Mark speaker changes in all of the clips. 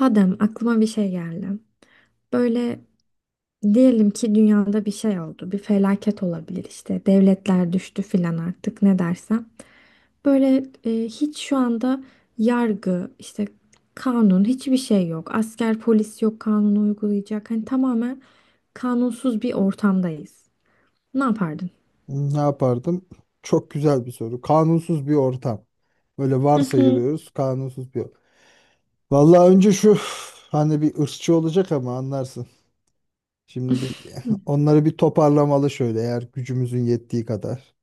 Speaker 1: Adem, aklıma bir şey geldi. Böyle diyelim ki dünyada bir şey oldu, bir felaket olabilir işte, devletler düştü filan artık ne dersen. Böyle hiç şu anda yargı, işte kanun, hiçbir şey yok. Asker, polis yok kanunu uygulayacak. Hani tamamen kanunsuz bir ortamdayız. Ne yapardın?
Speaker 2: Ne yapardım? Çok güzel bir soru. Kanunsuz bir ortam. Böyle
Speaker 1: Hı hı.
Speaker 2: varsayıyoruz, kanunsuz bir ortam. Vallahi önce şu hani bir ırkçı olacak ama anlarsın. Şimdi bir onları bir toparlamalı, şöyle, eğer gücümüzün yettiği kadar.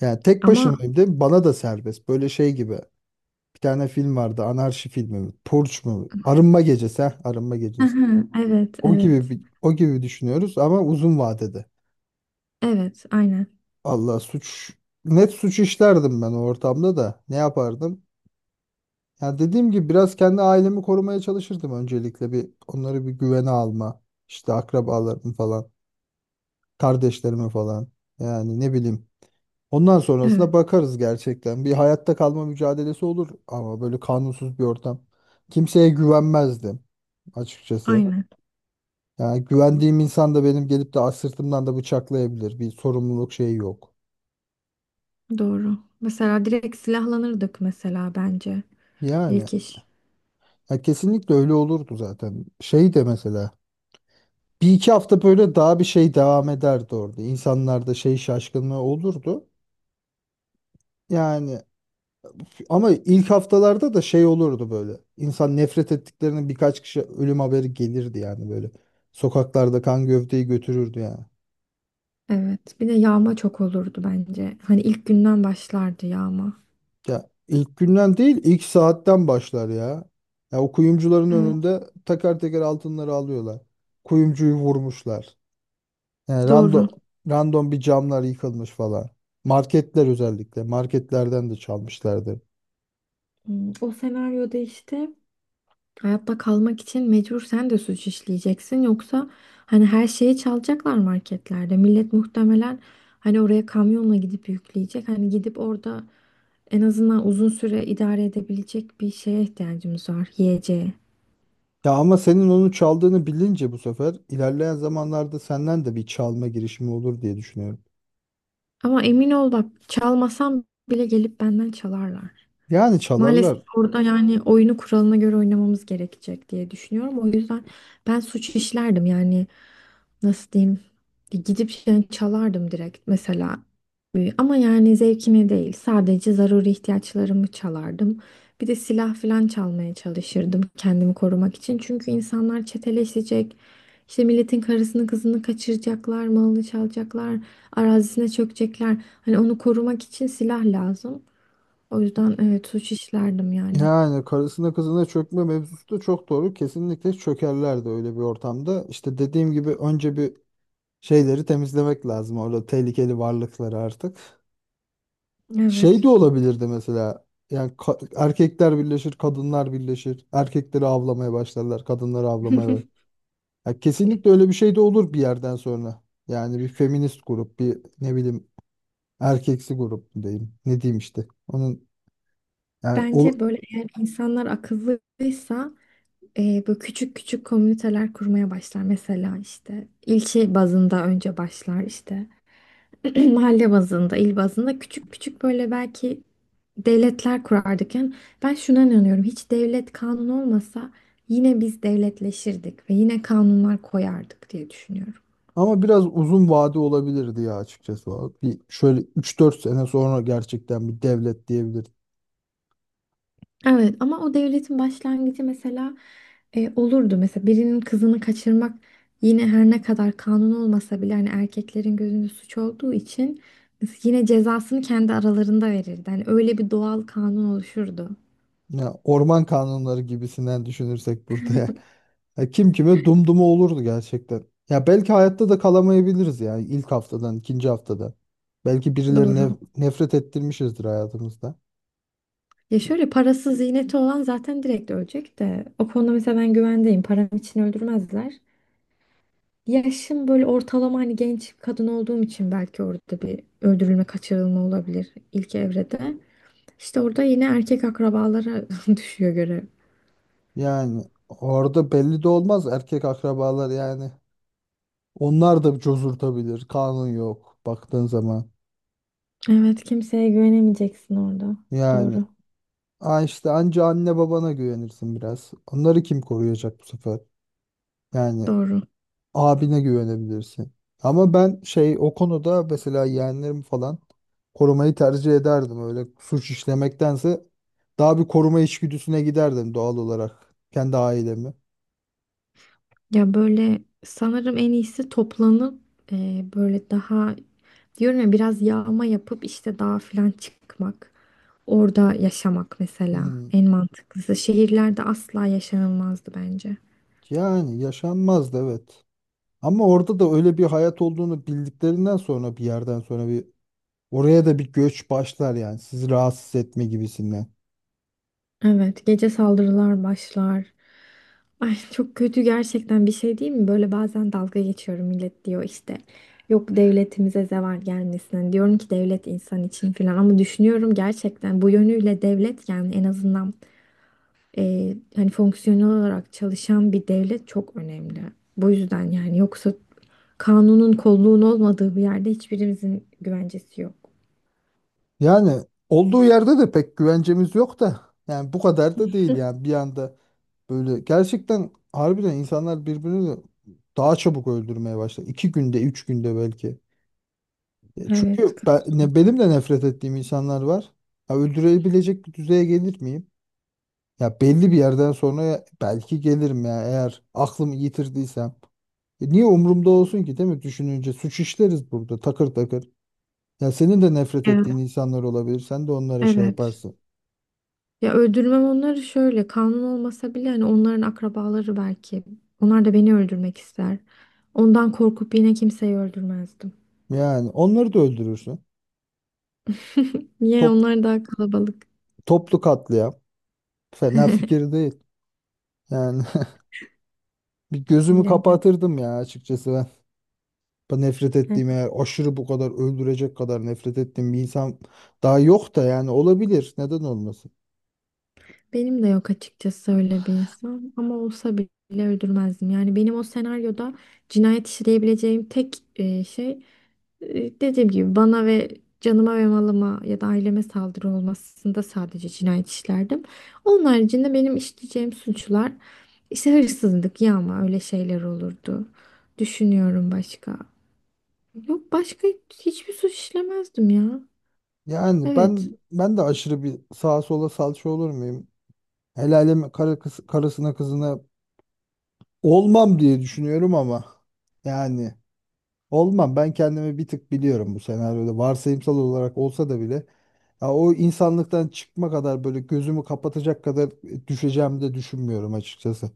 Speaker 2: Yani tek
Speaker 1: Ama
Speaker 2: başımayım değil mi? Bana da serbest. Böyle şey gibi. Bir tane film vardı. Anarşi filmi mi? Purge mu? Arınma gecesi. Ha, Arınma gecesi.
Speaker 1: aha, evet,
Speaker 2: O gibi
Speaker 1: evet.
Speaker 2: bir, o gibi düşünüyoruz ama uzun vadede.
Speaker 1: Evet, aynen.
Speaker 2: Allah suç net suç işlerdim ben o ortamda da. Ne yapardım? Ya dediğim gibi biraz kendi ailemi korumaya çalışırdım, öncelikle bir onları bir güvene alma. İşte akrabalarımı falan, kardeşlerimi falan. Yani ne bileyim. Ondan
Speaker 1: Evet,
Speaker 2: sonrasına bakarız gerçekten. Bir hayatta kalma mücadelesi olur ama böyle kanunsuz bir ortam. Kimseye güvenmezdim açıkçası.
Speaker 1: aynen.
Speaker 2: Yani güvendiğim insan da benim gelip de sırtımdan da bıçaklayabilir. Bir sorumluluk şeyi yok.
Speaker 1: Doğru. Mesela direkt silahlanırdık mesela bence.
Speaker 2: Yani,
Speaker 1: İlk iş.
Speaker 2: ya, kesinlikle öyle olurdu zaten. Şey de mesela, 1-2 hafta böyle daha bir şey devam ederdi orada. İnsanlarda şey şaşkınlığı olurdu. Yani, ama ilk haftalarda da şey olurdu böyle. İnsan nefret ettiklerinin birkaç kişi ölüm haberi gelirdi yani böyle. Sokaklarda kan gövdeyi götürürdü yani.
Speaker 1: Evet. Bir de yağma çok olurdu bence. Hani ilk günden başlardı yağma.
Speaker 2: Ya ilk günden değil, ilk saatten başlar ya. Ya o kuyumcuların
Speaker 1: Evet.
Speaker 2: önünde teker teker altınları alıyorlar. Kuyumcuyu vurmuşlar. Yani,
Speaker 1: Doğru.
Speaker 2: random bir camlar yıkılmış falan. Marketler özellikle. Marketlerden de çalmışlardı.
Speaker 1: Hmm, o senaryoda işte hayatta kalmak için mecbur sen de suç işleyeceksin. Yoksa hani her şeyi çalacaklar marketlerde. Millet muhtemelen hani oraya kamyonla gidip yükleyecek. Hani gidip orada en azından uzun süre idare edebilecek bir şeye ihtiyacımız var. Yiyeceğe.
Speaker 2: Ya ama senin onu çaldığını bilince bu sefer ilerleyen zamanlarda senden de bir çalma girişimi olur diye düşünüyorum.
Speaker 1: Ama emin ol bak çalmasam bile gelip benden çalarlar.
Speaker 2: Yani
Speaker 1: Maalesef
Speaker 2: çalarlar.
Speaker 1: orada yani oyunu kuralına göre oynamamız gerekecek diye düşünüyorum. O yüzden ben suç işlerdim yani nasıl diyeyim gidip yani çalardım direkt mesela. Ama yani zevkime değil sadece zaruri ihtiyaçlarımı çalardım. Bir de silah falan çalmaya çalışırdım kendimi korumak için. Çünkü insanlar çeteleşecek. İşte milletin karısını kızını kaçıracaklar, malını çalacaklar, arazisine çökecekler. Hani onu korumak için silah lazım. O yüzden evet suç işlerdim yani.
Speaker 2: Yani karısına kızına çökme mevzusu da çok doğru. Kesinlikle çökerler de öyle bir ortamda. İşte dediğim gibi önce bir şeyleri temizlemek lazım. Orada tehlikeli varlıkları artık. Şey
Speaker 1: Evet.
Speaker 2: de olabilirdi mesela. Yani, erkekler birleşir, kadınlar birleşir. Erkekleri avlamaya başlarlar, kadınları avlamaya. Ya kesinlikle öyle bir şey de olur bir yerden sonra. Yani bir feminist grup, bir ne bileyim, erkeksi grup mu diyeyim. Ne diyeyim işte. Onun yani.
Speaker 1: Bence böyle eğer insanlar akıllıysa böyle küçük küçük komüniteler kurmaya başlar. Mesela işte ilçe bazında önce başlar işte mahalle bazında, il bazında küçük küçük böyle belki devletler kurardık. Yani ben şuna inanıyorum hiç devlet kanun olmasa yine biz devletleşirdik ve yine kanunlar koyardık diye düşünüyorum.
Speaker 2: Ama biraz uzun vade olabilirdi ya açıkçası. Bir şöyle 3-4 sene sonra gerçekten bir devlet diyebiliriz.
Speaker 1: Evet ama o devletin başlangıcı mesela olurdu. Mesela birinin kızını kaçırmak yine her ne kadar kanun olmasa bile hani erkeklerin gözünde suç olduğu için yine cezasını kendi aralarında verirdi. Hani öyle bir doğal kanun oluşurdu.
Speaker 2: Ya orman kanunları gibisinden düşünürsek burada ya. Ya kim kime dumdumu olurdu gerçekten. Ya belki hayatta da kalamayabiliriz ya, ilk haftadan, ikinci haftada. Belki
Speaker 1: Doğru.
Speaker 2: birilerine nefret ettirmişizdir hayatımızda.
Speaker 1: Ya şöyle parasız ziyneti olan zaten direkt ölecek de o konuda mesela ben güvendeyim. Param için öldürmezler. Yaşım böyle ortalama hani genç kadın olduğum için belki orada bir öldürülme kaçırılma olabilir ilk evrede. İşte orada yine erkek akrabalara düşüyor görev.
Speaker 2: Yani orada belli de olmaz erkek akrabalar yani. Onlar da cozurtabilir. Kanun yok baktığın zaman.
Speaker 1: Evet, kimseye güvenemeyeceksin orada.
Speaker 2: Yani
Speaker 1: Doğru.
Speaker 2: ha işte, anca anne babana güvenirsin biraz. Onları kim koruyacak bu sefer? Yani
Speaker 1: Doğru.
Speaker 2: abine güvenebilirsin. Ama ben şey o konuda, mesela yeğenlerimi falan korumayı tercih ederdim. Öyle suç işlemektense daha bir koruma içgüdüsüne giderdim doğal olarak. Kendi ailemi.
Speaker 1: Ya böyle sanırım en iyisi toplanıp böyle daha diyorum ya biraz yağma yapıp işte dağa falan çıkmak. Orada yaşamak mesela
Speaker 2: Hmm.
Speaker 1: en mantıklısı. Şehirlerde asla yaşanılmazdı bence.
Speaker 2: Yani yaşanmazdı, evet. Ama orada da öyle bir hayat olduğunu bildiklerinden sonra bir yerden sonra bir oraya da bir göç başlar yani, sizi rahatsız etme gibisinden.
Speaker 1: Evet, gece saldırılar başlar. Ay çok kötü gerçekten bir şey değil mi? Böyle bazen dalga geçiyorum millet diyor işte. Yok devletimize zeval gelmesin. Hani diyorum ki devlet insan için falan ama düşünüyorum gerçekten bu yönüyle devlet yani en azından hani fonksiyonel olarak çalışan bir devlet çok önemli. Bu yüzden yani yoksa kanunun kolluğun olmadığı bir yerde hiçbirimizin güvencesi yok.
Speaker 2: Yani olduğu yerde de pek güvencemiz yok da yani bu kadar da değil yani, bir anda böyle gerçekten harbiden insanlar birbirini daha çabuk öldürmeye başlar. 2 günde, 3 günde belki.
Speaker 1: Evet,
Speaker 2: Çünkü
Speaker 1: katılıyorum.
Speaker 2: benim de nefret ettiğim insanlar var. Ya öldürebilecek bir düzeye gelir miyim? Ya belli bir yerden sonra belki gelirim ya, eğer aklımı yitirdiysem. E, niye umurumda olsun ki, değil mi? Düşününce suç işleriz burada takır takır. Ya senin de nefret
Speaker 1: Evet.
Speaker 2: ettiğin insanlar olabilir. Sen de onlara şey
Speaker 1: Evet.
Speaker 2: yaparsın.
Speaker 1: Ya öldürmem onları şöyle kanun olmasa bile hani onların akrabaları belki. Onlar da beni öldürmek ister. Ondan korkup yine kimseyi öldürmezdim.
Speaker 2: Yani onları da öldürürsün.
Speaker 1: Niye
Speaker 2: Top,
Speaker 1: onlar daha kalabalık
Speaker 2: Toplu katliam. Fena fikir değil. Yani bir gözümü
Speaker 1: bilemiyorum.
Speaker 2: kapatırdım ya açıkçası ben. Ben nefret
Speaker 1: Evet,
Speaker 2: ettiğim, eğer aşırı bu kadar öldürecek kadar nefret ettiğim bir insan daha yok da yani olabilir. Neden olmasın?
Speaker 1: benim de yok açıkçası öyle bir insan ama olsa bile öldürmezdim. Yani benim o senaryoda cinayet işleyebileceğim tek dediğim gibi bana ve canıma ve malıma ya da aileme saldırı olmasında sadece cinayet işlerdim. Onun haricinde benim işleyeceğim suçlar işte hırsızlık, yağma öyle şeyler olurdu. Düşünüyorum başka. Yok başka hiçbir suç işlemezdim ya.
Speaker 2: Yani,
Speaker 1: Evet.
Speaker 2: ben de aşırı bir sağa sola salça olur muyum? Helaleme karısına kızına olmam diye düşünüyorum ama yani, olmam. Ben kendimi bir tık biliyorum bu senaryoda. Varsayımsal olarak olsa da bile. Ya o insanlıktan çıkma kadar böyle gözümü kapatacak kadar düşeceğimi de düşünmüyorum açıkçası.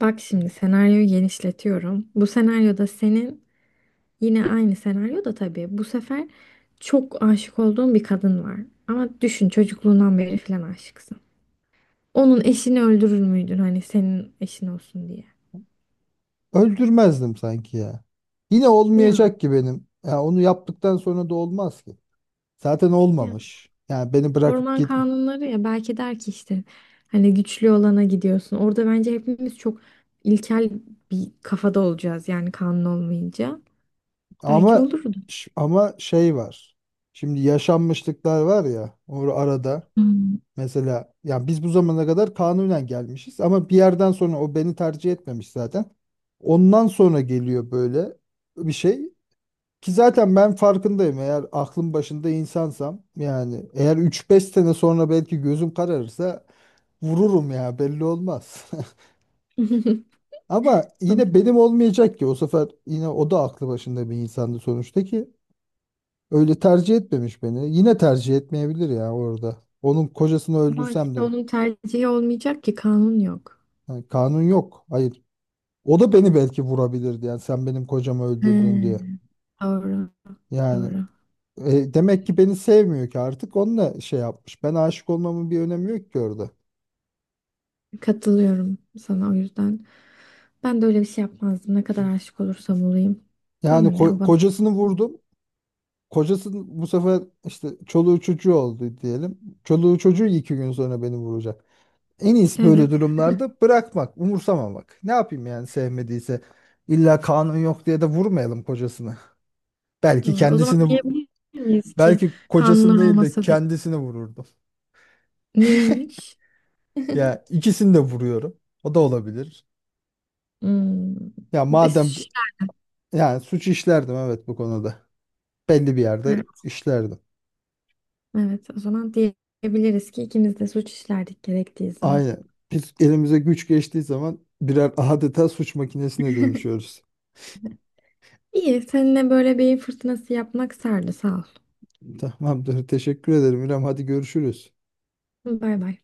Speaker 1: Bak şimdi senaryoyu genişletiyorum. Bu senaryoda senin yine aynı senaryoda tabii. Bu sefer çok aşık olduğun bir kadın var. Ama düşün çocukluğundan beri falan aşıksın. Onun eşini öldürür müydün hani senin eşin olsun diye?
Speaker 2: Öldürmezdim sanki ya. Yine
Speaker 1: Ya,
Speaker 2: olmayacak ki benim. Ya onu yaptıktan sonra da olmaz ki. Zaten
Speaker 1: ya
Speaker 2: olmamış. Yani beni bırakıp
Speaker 1: orman
Speaker 2: git.
Speaker 1: kanunları ya belki der ki işte hani güçlü olana gidiyorsun. Orada bence hepimiz çok ilkel bir kafada olacağız yani kanun olmayınca. Belki
Speaker 2: Ama
Speaker 1: olurdu.
Speaker 2: ama şey var. Şimdi yaşanmışlıklar var ya, arada.
Speaker 1: Hmm.
Speaker 2: Mesela yani biz bu zamana kadar kanunen gelmişiz ama bir yerden sonra o beni tercih etmemiş zaten. Ondan sonra geliyor böyle bir şey ki zaten ben farkındayım, eğer aklım başında insansam yani, eğer 3-5 sene sonra belki gözüm kararırsa vururum ya, belli olmaz. Ama yine benim olmayacak ki o sefer, yine o da aklı başında bir insandı sonuçta ki. Öyle tercih etmemiş beni. Yine tercih etmeyebilir ya orada. Onun kocasını
Speaker 1: Ama
Speaker 2: öldürsem
Speaker 1: işte
Speaker 2: de
Speaker 1: onun tercihi olmayacak ki kanun yok.
Speaker 2: yani kanun yok. Hayır. O da beni belki vurabilirdi yani, sen benim kocamı öldürdün diye.
Speaker 1: He. Doğru,
Speaker 2: Yani,
Speaker 1: doğru.
Speaker 2: demek ki beni sevmiyor ki artık, onunla şey yapmış. Ben aşık olmamın bir önemi yok ki orada.
Speaker 1: Katılıyorum sana o yüzden. Ben de öyle bir şey yapmazdım. Ne kadar aşık olursam olayım.
Speaker 2: Yani,
Speaker 1: Bana ne o bana.
Speaker 2: kocasını vurdum. Kocası bu sefer işte çoluğu çocuğu oldu diyelim. Çoluğu çocuğu 2 gün sonra beni vuracak. En iyisi böyle
Speaker 1: Evet
Speaker 2: durumlarda bırakmak, umursamamak. Ne yapayım yani sevmediyse. İlla kanun yok diye de vurmayalım kocasını. Belki
Speaker 1: doğru. O zaman
Speaker 2: kendisini,
Speaker 1: diyebilir miyiz ki
Speaker 2: belki
Speaker 1: kanunlar
Speaker 2: kocasını değil de
Speaker 1: olmasa da
Speaker 2: kendisini vururdum.
Speaker 1: niyeymiş?
Speaker 2: Ya ikisini de vuruyorum. O da olabilir.
Speaker 1: Hmm.
Speaker 2: Ya
Speaker 1: E,
Speaker 2: madem,
Speaker 1: suç işler-
Speaker 2: yani suç işlerdim evet bu konuda. Belli bir yerde
Speaker 1: Evet,
Speaker 2: işlerdim.
Speaker 1: evet o zaman diyebiliriz ki ikimiz de suç işlerdik gerektiği zaman.
Speaker 2: Aynen. Biz elimize güç geçtiği zaman birer adeta suç makinesine dönüşüyoruz.
Speaker 1: İyi seninle böyle beyin fırtınası yapmak sardı sağ ol.
Speaker 2: Tamamdır. Teşekkür ederim İrem. Hadi görüşürüz.
Speaker 1: Bay bay.